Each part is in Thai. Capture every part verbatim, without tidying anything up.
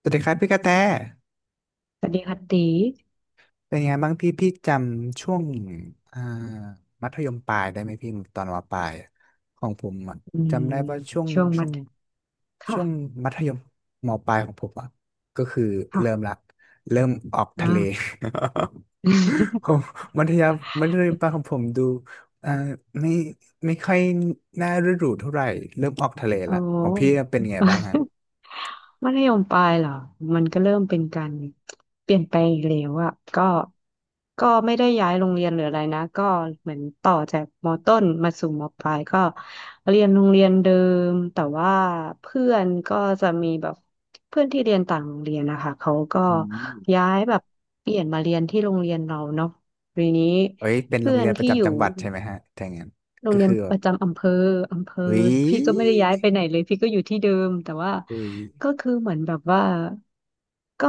สวัสดีครับพี่กระแต สวัสดีค่ะตีเป็นยังไงบ้างพี่พี่จำช่วงอ่ามัธยมปลายได้ไหมพี่ตอนมปลายอะของผมอะอืมจำได้ว่าช่วงช่วงช่มัวธงค่ะช่วงมัธยมมปลายของผมอ่ะก็คือเริ่มค่ะละเริ่มออกทะเล อ่า ผ มมัธยมมัธยมปลายของผมดูอ่าไม่ไม่ค่อยน่าฤดูเท่าไหร่เริ่มออกทะเลอ๋อ ละของพี่เป็นยังไงบ้างฮะมัธยมปลายเหรอ มันก็เริ่มเป็นการเปลี่ยนไปอีกแล้วอะก็ก็ไม่ได้ย้ายโรงเรียนหรืออะไรนะ ก็เหมือนต่อจากมต้นมาสู่มปลายก็เรียนโรงเรียนเดิมแต่ว่าเพื่อนก็จะมีแบบเพื่อนที่เรียนต่างโรงเรียนนะคะเขาก็อืม ย้ายแบบเปลี่ยนมาเรียนที่โรงเรียนเราเนาะทีนี้เอ้ยเป็นโรเพื่งอเรีนยนปที่ระอจำยู่ จังหวัดใช่ไหมฮะถ้าอย่างนั้นโรงก็เรียนคือแบปบระจำอำเภออำเภออุ้พี่ก็ไม่ได้ยย้ายไปไหนเลยพี่ก็อยู่ที่เดิมแต่ว่าอุ้ยก็คือเหมือนแบบว่าก็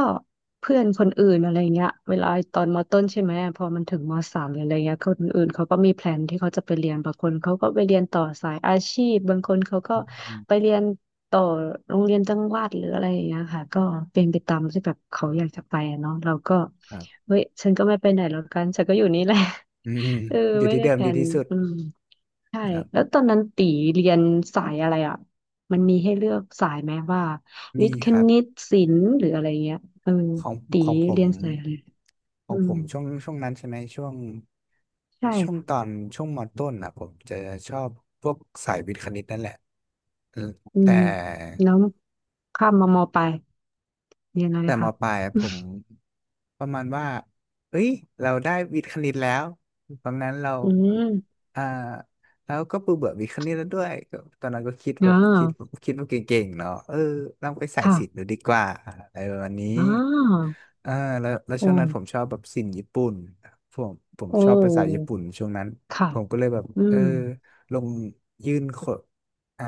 เพื่อนคนอื่นอะไรเงี้ยเวลาตอนมต้นใช่ไหมพอมันถึงมสามหรืออะไรเงี้ยคนอื่นเขาก็มีแพลนที่เขาจะไปเรียนบางคนเขาก็ไปเรียนต่อสายอาชีพบางคนเขาก็อืไปมเรียนต่อโรงเรียนจังหวัดหรืออะไรอย่างเงี้ยค่ะก็เป็นไปตามที่แบบเขาอยากจะไปอะเนาะเราก็ครับเฮ้ยฉันก็ไม่ไปไหนแล้วกัน ฉันก็อยู่นี่แหละ อืม เอออยู่ไม่ที่ได้เดิมแผดีนที่สุดอืม ใช่ครัแล้วบตอนนั้นตีเรียนสายอะไรอ่ะมันมีให้เลือกสายไหมว่ามีวิทย์คครับ ณิตศิลป์หรืออะไรเงี้ยเออของตีของผมเรียนสายอะไรขอืองผมมช่วงช่วงนั้นใช่ไหมช่วงใช่ช่วงค่ะตอนช่วงมต้นอ่ะผมจะชอบพวกสายวิทย์คณิตนั่นแหละอืมอืแต่ มแล้วข้ามมามอปลายเรียนอะไรแต่มคะปลายอะผมประมาณว่าเอ้ย เราได้วิทย์คณิตแล้วตอนนั้นเราอืมอ่าแล้วก็เบื่อเบื่อวิทย์คณิตแล้วด้วยก็ตอนนั้นก็คิดอ่แบบคิดาคิดว่าเก่งๆเนาะเออลองไปสายค่ะศิลป์ดูดีกว่าอะไรประมาณนี้อ่าเออแล้วแล้วโอ้ช่วงนั้นผมชอบแบบศิลป์ญี่ปุ่นผมผมโอชอบภาษาญี่้ปุ่นช่วงนั้นค่ะผมก็เลยแบบอืเออมลงยื่นโคอ่า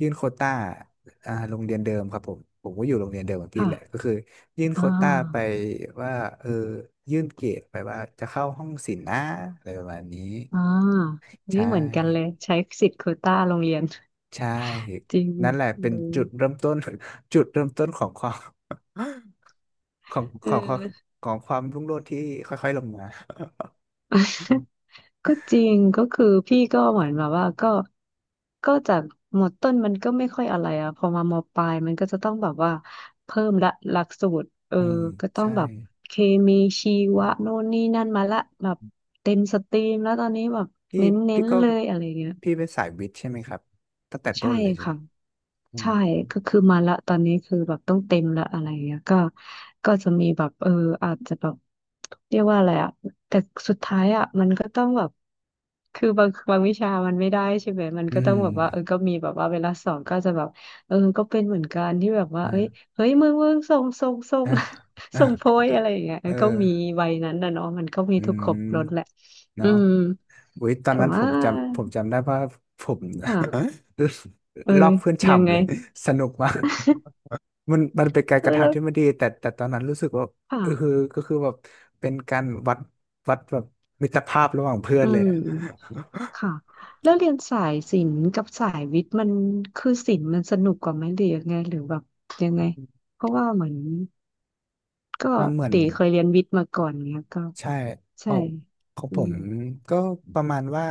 ยื่นโควต้า อ่าโรงเรียนเดิมครับผมผมก็อยู่โรงเรียนเดิมอับพี่ค่ะแหละก็คือยื่นโคอ่วต้าไปาว่าเออยื่นเกรดไปว่าจะเข้าห้องศิลป์นะอะไรประมาณนี้อ่านี่ใช่เหมือนกันเลยใช้สิทธิ์โควต้าโรงเรียน ใช่ จริงนั่นแหละเป็นเลจุดยเริ่มต้น จุดเริ่มต้นของความของเอขอ องของของความรุ่งโรจน์ที่ค่อยๆลงมาก็จริงก็คือพี่ก็เหมือนแบบว่าก็ก็จากหมดต้นมันก็ไม่ค่อยอะไรอ่ะพอมามปลายมันก็จะต้องแบบว่าเพิ่มละหลักสูตรเอออืมก็ต้องใช่แบบเคมีชีวะโน่นนี่นั่นมาละแบบเต็มสตรีมแล้วตอนนี้แบบพี่เน้พี่นก็ๆเลยอะไรเงี้ยพี่เป็นสายวิทย์ใช่ไหมครับตั้งแต่ใช่ต้นเลยใช่ไหมค่ะ อืใช่มก็คือมาละตอนนี้คือแบบต้องเต็มละอะไรเงี้ยก็ก็จะมีแบบเอออาจจะแบบเรียกว่าอะไรอะแต่สุดท้ายอะมันก็ต้องแบบคือบางบางวิชามันไม่ได้ใช่ไหมมันอืก็ต้องแบบว่าเออมก็มีแบบว่าเวลาสอนก็จะแบบเออก็เป็นเหมือนกันที่แบบว่าอ่เอ้ยาเฮ้ยมึงมึงส่งส่งส่ง อ่า อ่าส่งโพยอะไรอย่างเงี้ยเอก็อมีวัยนั้นนะเนาะมันก็มีอืทุกครบรสแหมละอืเนาะ มอุ๊ยตอนแต่นั้นผว่ามจำผมจำได้ว่าผม ค่ะเออ ลอกเพื่อนยังฉ่ำไงเลย สนุกมากมันมันเป็นการเอกอระแล้ทำวที่ไม่ดีแต่แต่ตอนนั้นรู้สึกว่าค่ะเออคือก็คือแบบเป็นการวัดวัดแบบมิตรภาพระหว่างเพื่ออืนเลยม อะค่ะแล้วเรียนสายศิลป์กับสายวิทย์มันคือศิลป์มันสนุกกว่าไหมหรือยังไงหรือแบบยังไงเพราะว่าเหมือนก็อ่าเหมือน ตีเคยเรียนวิทย์มาก่อนเนี้ยก็ใช่ใช่เอาของอืผมมก็ประมาณว่า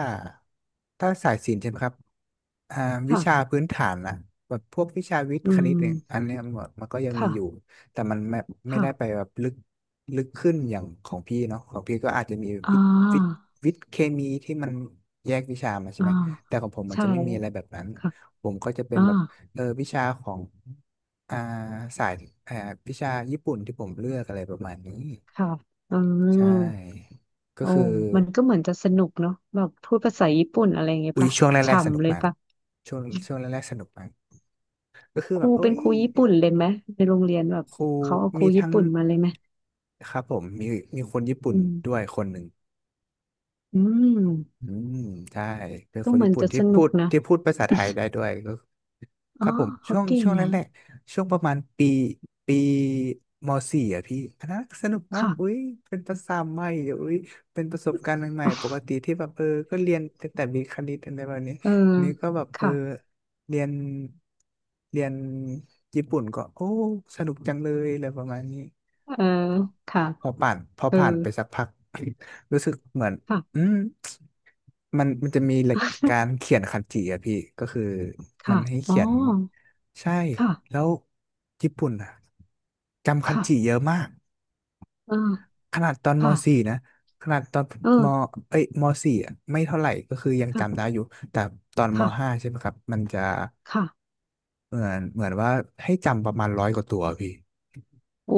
ถ้าสายศิลป์ใช่ไหมครับอ่าวิค่ะชาพื้นฐานอะแบบพวกวิชาวิทย์อืคณิตเนี่ยอันมเนี้ยมันมันก็ยังมีค่ะอยู่แต่มันไม่ไม่ได้ไปค่ะแบบลึกลึกขึ้นอย่างของพี่เนาะของพี่ก็อาจจะมีอ่วิทย์วิทย์าวิทย์เคมีที่มันแยกวิชามาใช่อ่าไหมแต่ของผมมันใช่จะไม่มีอะไรแบบนั้นค่ะผมก็จะเป็นอ่าแบบเออวิชาของอ่าสายอ่าวิชาญี่ปุ่นที่ผมเลือกอะไรประมาณนี้ ค่ะอืใช่ มก็โอ้คือมันก็เหมือนจะสนุกเนาะแบบพูดภาษาญี่ปุ่นอะไรอย่างเงี้ยอุ้ยปะช่วงแรกๆสนุฉ่ำกเลยมากปะช่วงช่วงแรกๆสนุกมากก็คือคแบรูบเอ้เป็นยครูญี่ปุ่นเลยไหมในโรงเรียนแบบครูเขาเอาครูมีญี่ทั้งปุ่นมาเลยไหม ครับผมมีมีคนญี่ปุ่อืนด้วยมคนหนึ่งอืมอืมใช่เป็นก็คนเหมือญี่นปุ่นจะที่สพูนุกดนะที่พูดภาษาไทยได้ด้วยก็ คอ๋อรับผมเขาช่วงเก่ช่งวงแรอ่ะกๆช่วงประมาณปีปีม .สี่ อ่ะพี่อันนั้นสนุกมากค่ะ อุ้ยเป็นภาษาใหม่เดี๋ยวอุ้ยเป็นประสบการณ์ใหม่ๆปกติที่แบบเออก็เรียนแต่แต่มีคณิตอะไรแบบนี้เออนี่ก็แบบเออค่ะเรียนเรียนญี่ปุ่นก็โอ้สนุกจังเลยอะไรประมาณนี้เออค่ะพอผ่านพอเออผ่านไปสักพัก รู้สึกเหมือนค่ะอืม มันมันจะมีหลักการเขียนคันจิอะพี่ก็คือมัค่ะนให้อ๋เขีอยนใช่ค่ะแล้วญี่ปุ่นอะจำคันจิเยค่ะอะมากเออขนาดตอนม ค่ะ .สี่ นะขนาดตอนเอมอเอ้ยมสี่อะไม่เท่าไหร่ก็คือยังค่ะจำได้อยู่แต่ตอนม ค่ะ .ห้า ใช่ไหมครับมันจะค่ะเหมือนเหมือนว่าให้จำประมาณร้อยกว่าตัวพี่โอ้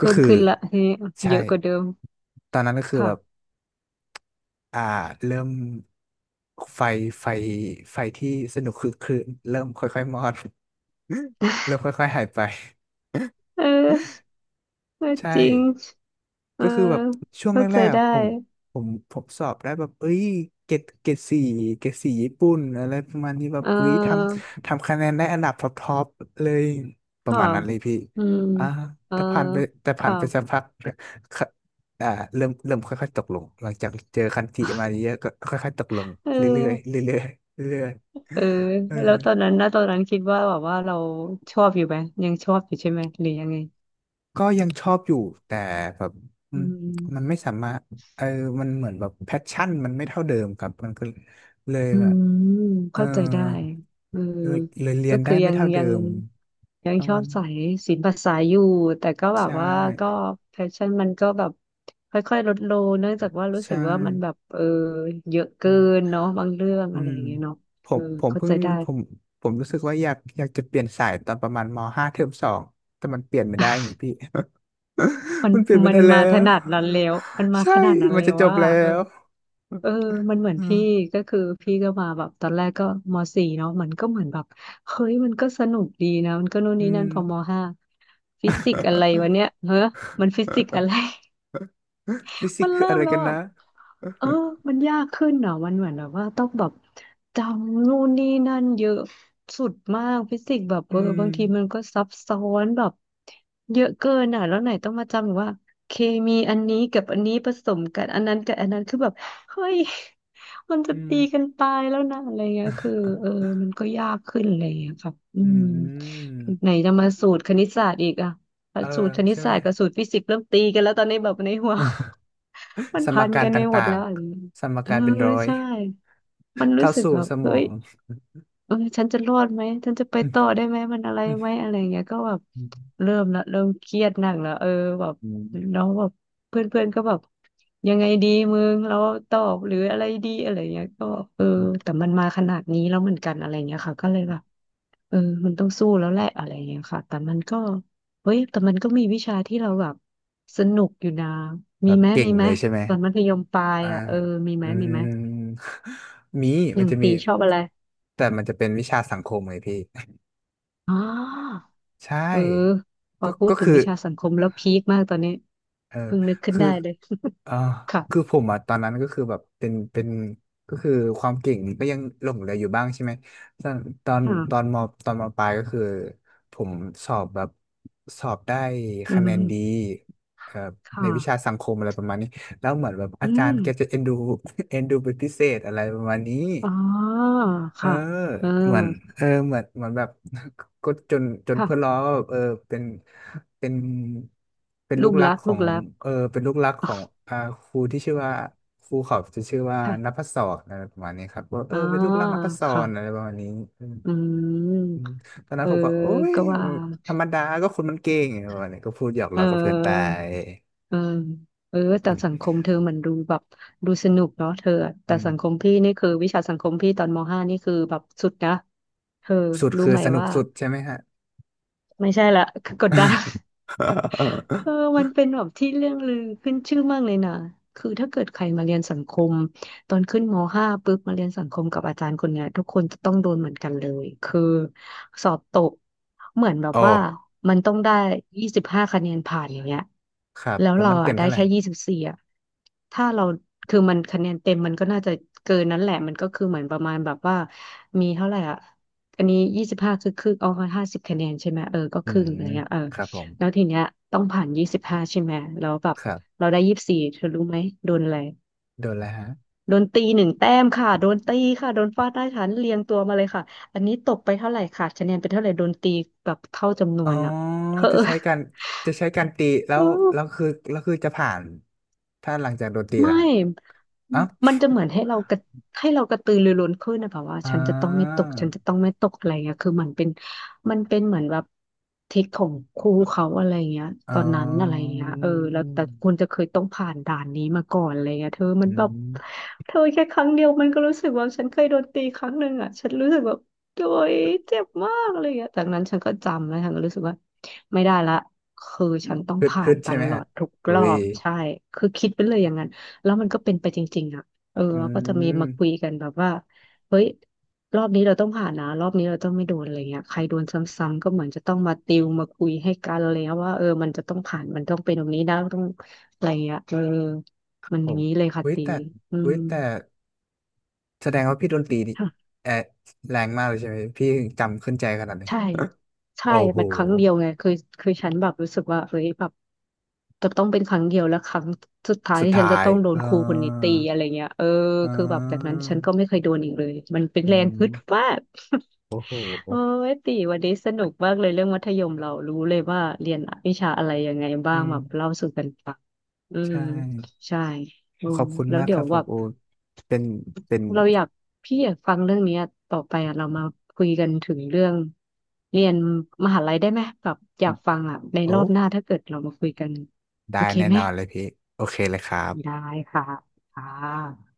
ก็ิ่มคือขึ้นละทีนี้เยใช่อะกว่าเดิมตอนนั้นก็คือแบบ ค่ะอ่าเริ่มไฟไฟไฟที่สนุกคือคือเริ่มค่อยๆมอด เริ่มค่อยๆหายไป เออ เออใช่ จริงเออก็คือแบบช่วงเข้าแรใจกได้ๆผมผมผมสอบได้แบบเอ้ยเกรดเกรดสี่เกรดสี่ญี่ปุ่นอะไรประมาณนี้แบบเอุ้ยทออำทำคะแนนได้อันดับท็อปท็อปเลยประค่ะมาณนั้นเลยพี่อืมอ่าเออแต่ผ่านไปแต่ผ่านค่ะไปสักพักค่ะอ่าเริ่มเริ่มค่อยๆตกลงหลังจากเจอคันธิมาเยอะก็ค่อยๆตกลงเอเรื่อยๆอ เรื่อยๆเรื่อยเออๆเออ แล้วตอนนั้นนะตอนนั้นคิดว่าแบบว่าเราชอบอยู่ไหมยังชอบอยู่ใช่ไหมหรือยังไงก็ยังชอบอยู่แต่แบบอือืมมันมไม่สามารถเออมันเหมือนแบบแพชชั่นมันไม่เท่าเดิมครับมันก็เลยอืแบบมเออเข้าใจได้เออเลยเลยเรียก็นได้คือไม่ยังเท่าเดิยังมยังประชอมาบณใส่ศิลปะสายอยู่แต่ก็แบบใช่ว่าก็แพชชั่นมันก็แบบค่อยๆลดลงเนื่องจากว่ารู้สึใช่กว่ามันแบบเออเยอะอืเกินมเนาะบางเรื่องอือะไรมอย่างเงี้ยเนาะผเออมผมเข้าเพิ่ใจงได้ผมผมรู้สึกว่าอยากอยากจะเปลี่ยนสายตอนประมาณมห้าเทอมสองแต่มันเปลี่ยนไม่ได้ไงพี่ มั นมันเปลี่ยนไม่มัได้นแล้มาขวนาดนั้นแล้วมันมาใช่ขนาดนั้นมันแล้จะวจบว่า แล้วเออมันเหมือนอืพี่มก็คือพี่ก็มาแบบตอนแรกก็มสี่เนาะมันก็เหมือนแบบเฮ้ยมันก็สนุกดีนะมันก็โนู่นอืนี่ม นั่นพอมห้าฟิสิกส์อะไรวะเนี่ยเฮ้อ มันฟิสิกส์อะไร ฟิ สิมักนส์คือเริ่อะมไรแล้กัวนอ่ะ นะเออมันยากขึ้นเหรอมันเหมือนแบบว่าต้องแบบจำนู่นนี่นั่นเยอะสุดมากฟิสิกส์แบบอืเออมบางทีมันก็ซับซ้อนแบบเยอะเกินอ่ะแล้วไหนต้องมาจำว่าเคมีอันนี้กับอันนี้ผสมกันอันนั้นกับอันนั้นคือแบบเฮ้ย มันจะอืมตีกันตายแล้วนะอะไรเงี้ยคือเออมันก็ยากขึ้นอะไรเงี้ยครับอือืมมไหนจะมาสูตรคณิตศาสตร์อีกอ่ะเออสูตรคณิตใช่ไหศาม สตร์กับสูตรฟิสิกส์เริ่มตีกันแล้วตอนนี้แบบในหัว มัน สมพันการกันตไปหม่าดแล้งวอะไรอย่างเงี้ยๆ สมเออการเป็นร้อย ใช่ มันรู้เข้าสึกสู่แบบสมเฮ้องยเออฉันจะรอดไหมฉันจะไปอืมต่อได้ไหมมันอะไรอไหมอะไรอย่างเงี้ยก็แบบืเริ่มละเริ่มเครียดหนักแล้วเออแบบมน้องแบบเพื่อนเพื่อนก็แบบยังไงดีมึงเราตอบหรืออะไรดีอะไรอย่างเงี้ยก็เอออืมแต่มันมาขนาดนี้แล้วเหมือนกันอะไรอย่างเงี้ยค่ะก็เลยแบบ เออมันต้องสู้แล้วแหละอะไรอย่างเงี้ยค่ะ แต่มันก็ เฮ้ยแต่มันก็มีวิชาที่เราแบบสนุกอยู่นะแบมีบไหมเก่มีงไหมเลยใช่ไหมตอนมัธยมปลายอ่าอ่ะเออมีไหอืมมีไหมมมีอมันย่างจะมี ตีชอบอะไรแต่มันจะเป็นวิชาสังคมไงพี่ อ๋อ ใช่ เออพอก็พูดก็ถึงคือ วิชาสังคมแล้วพีคมากตอนนี้เออเพิ่งนึกขึ้นคือได้เลย อ่า ค่ะคือผมอ่ะตอนนั้นก็คือแบบเป็นเป็นก็คือความเก่งก็ยังหลงเหลืออยู่บ้างใช่ไหมตอนตอนตอนค่ะมตอนมปลายก็คือผมสอบแบบสอบได้อืคะแนนดีมเอ่อในค่ะวิชาสังคมอะไรประมาณนี้แล้วเหมือนแบบอือาจารมย์แกจะเอ็นดู เอ็นดูเป็นพิเศษอะไรประมาณนี้ อ๋อเออค่ะเออเหมือนเออเหมือนเหมือนแบบ ก็จนจนเพื่อนค่ะล้อว่าแบบเออเป็นเป็นเป็นลูลูกกรักรักขอลูกงรัก เออเป็นลูกรักของอ่าครูที่ชื่อว่าครูเขาจะชื่อว่า นัค่ะพศรอะไรประมาณนี้ครับว่าเออ๋ออเป็นลูกรักนัพศค่ะรอะไรประมาณนี้อืมอืม อืมตอนนั้เอนอ ผมก็โอ๊ยก็ว่า ธรรมดาก็คนมันเก่งอะไรประมาณนี้ก็พูดหยอกเล้อกับเพื่อนไปออ เออ เออ แต่สังคมเธอเหมันดูแบบดูสนุกเนาะเธออะอืแต่มสังคมพี่นี่คือวิชาสังคมพี่ตอนมห้านี่คือแบบสุดนะ เธอสุดรู้คือไหมสนุกว่าสุดใช่ไหมฮะ ไม่ใช่ละ คือกดดัน เธ อมันเป็นแบบที่เรื่องลือขึ้นชื่อมากเลยนะคือถ้าเกิดใครมาเรียนสังคมตอนขึ้นมห้าปุ๊บมาเรียนสังคมกับอาจารย์คนเนี้ยทุกคนจะต้องโดนเหมือนกันเลย คือสอบตกเหมือนแบบโอว่า้มันต้องได้ยี่สิบห้าคะแนนผ่านอย่างเงี้ยครับแล้วแล้วเรามันเต็อ่ะมได้เท่าไหร่ แค่ยี่สิบสี่อ่ะถ้าเราคือมันคะแนนเต็มมันก็น่าจะเกินนั้นแหละมันก็คือเหมือนประมาณแบบว่ามีเท่าไหร่อ่ะอันนี้ยี่สิบห้าคือครึ่งเอาห้าสิบคะแนนใช่ไหมเออก็อืครึ่งมอะไรเงี้ยเออ ครับผมแล้วทีเนี้ยต้องผ่านยี่สิบห้าใช่ไหมแล้วแบบครับเราได้ยี่สิบสี่เธอรู้ไหมโดนอะไรโดนแล้วฮะโดนตีหนึ่งแต้มค่ะโดนตีค่ะโดนฟาดหน้าฉันเรียงตัวมาเลยค่ะอันนี้ตกไปเท่าไหร่ขาดคะแนนไปเท่าไหร่โดนตีแบบเท่าจำนอ๋อวนอ่ะเธอ จะใช้การจะใช้การตีแล้วแล้ว คือแล้วคือจะผ่านถ้าหลังจากโดนตีแล้ไม่วฮะอ๋อมันจะเหมือนให้เรากระให้เรากระตือรือร้นขึ้นนะแบบว่าอ่ฉันจะต้องไม่ตากฉันจะต้องไม่ตกอะไรเงี้ยคือมันเป็นมันเป็นเหมือนแบบทิศของครูเขาอะไรเงี้ยอ๋ตอนนั้นอะไรอเงี้ยเออแล้วแต่คุณจะเคยต้องผ่านด่านนี้มาก่อนอะไรเงี้ยเธอมัอืนแบบมเธอแค่ครั้งเดียวมันก็รู้สึกว่าฉันเคยโดนตีครั้งหนึ่งอ่ะฉันรู้สึกแบบโดยเจ็บมากอะไรเงี้ยจากนั้นฉันก็จำแล้วฉันก็รู้สึกว่าไม่ได้ละคือฉันต้องฮึดผ่าฮึนดตใช่ไหมลอฮะดทุกอุ้รอยบใช่คือคิดไปเลยอย่างนั้น แล้วมันก็เป็นไปจริงๆอ่ะเอออืแล้วก็จะมีมาคุยมกันแบบว่าเฮ้ย รอบนี้เราต้องผ่านนะรอบนี้เราต้องไม่โดนอะไรเงี้ยใครโดนซ้ำๆก็เหมือนจะต้องมาติวมาคุยให้กันอะไรเงี้ยว่าเออมันจะต้องผ่านมันต้องเป็นตรงนี้นะต้องอะไรเงี้ยเออมันผอย่ามงนี้เลยค่ะเุ้ยตีแต่อืเุ้มยแต่แสดงว่าพี่โดนตรีนี่ค่ะ แออแรงมากเลยใช่ไหมพี่ถึงจำขึ้นใจขนาดนี้ใช่ใช่โอ้โหมันครั้งเดียวไงคือคือฉันแบบรู้สึกว่าเฮ้ยแบบจะต้องเป็นครั้งเดียวแล้วครั้งสุดท้ายสุดที่ฉัท้านจะยต้องโดเอนครูคนนี้ตีออะไรเงี้ยเออเคือแบบจากนั้ออนฉันก็ไม่เคยโดนอีกเลยมันเป็นอืแรงม ฮึดมาก โอ้โห โอ้ยตีวันนี้สนุกมากเลย เรื่องมัธยมเรารู้เลยว่าเรียนวิชาอะไรยังไงบ้าอืงมแบบเล่าสู่กันฟังอืมใช่ ใช่อืขอมบคุณแล้วมากคเดี๋ยรัวบผแบมบ โอตเป็นเป็นเราอยากพี่อยากฟังเรื่องเนี้ยต่อไปอ่ะเรามาคุยกันถึงเรื่องเรียนมหาลัยได้ไหมแบบอยากฟังอ่ะในรอโอ้บหน้าถ้าเกิดเรามาคุยกันได้โอเคแน่ไหมนอนเลยพี่ โอเคเลยครัได้บค่ะค่ะ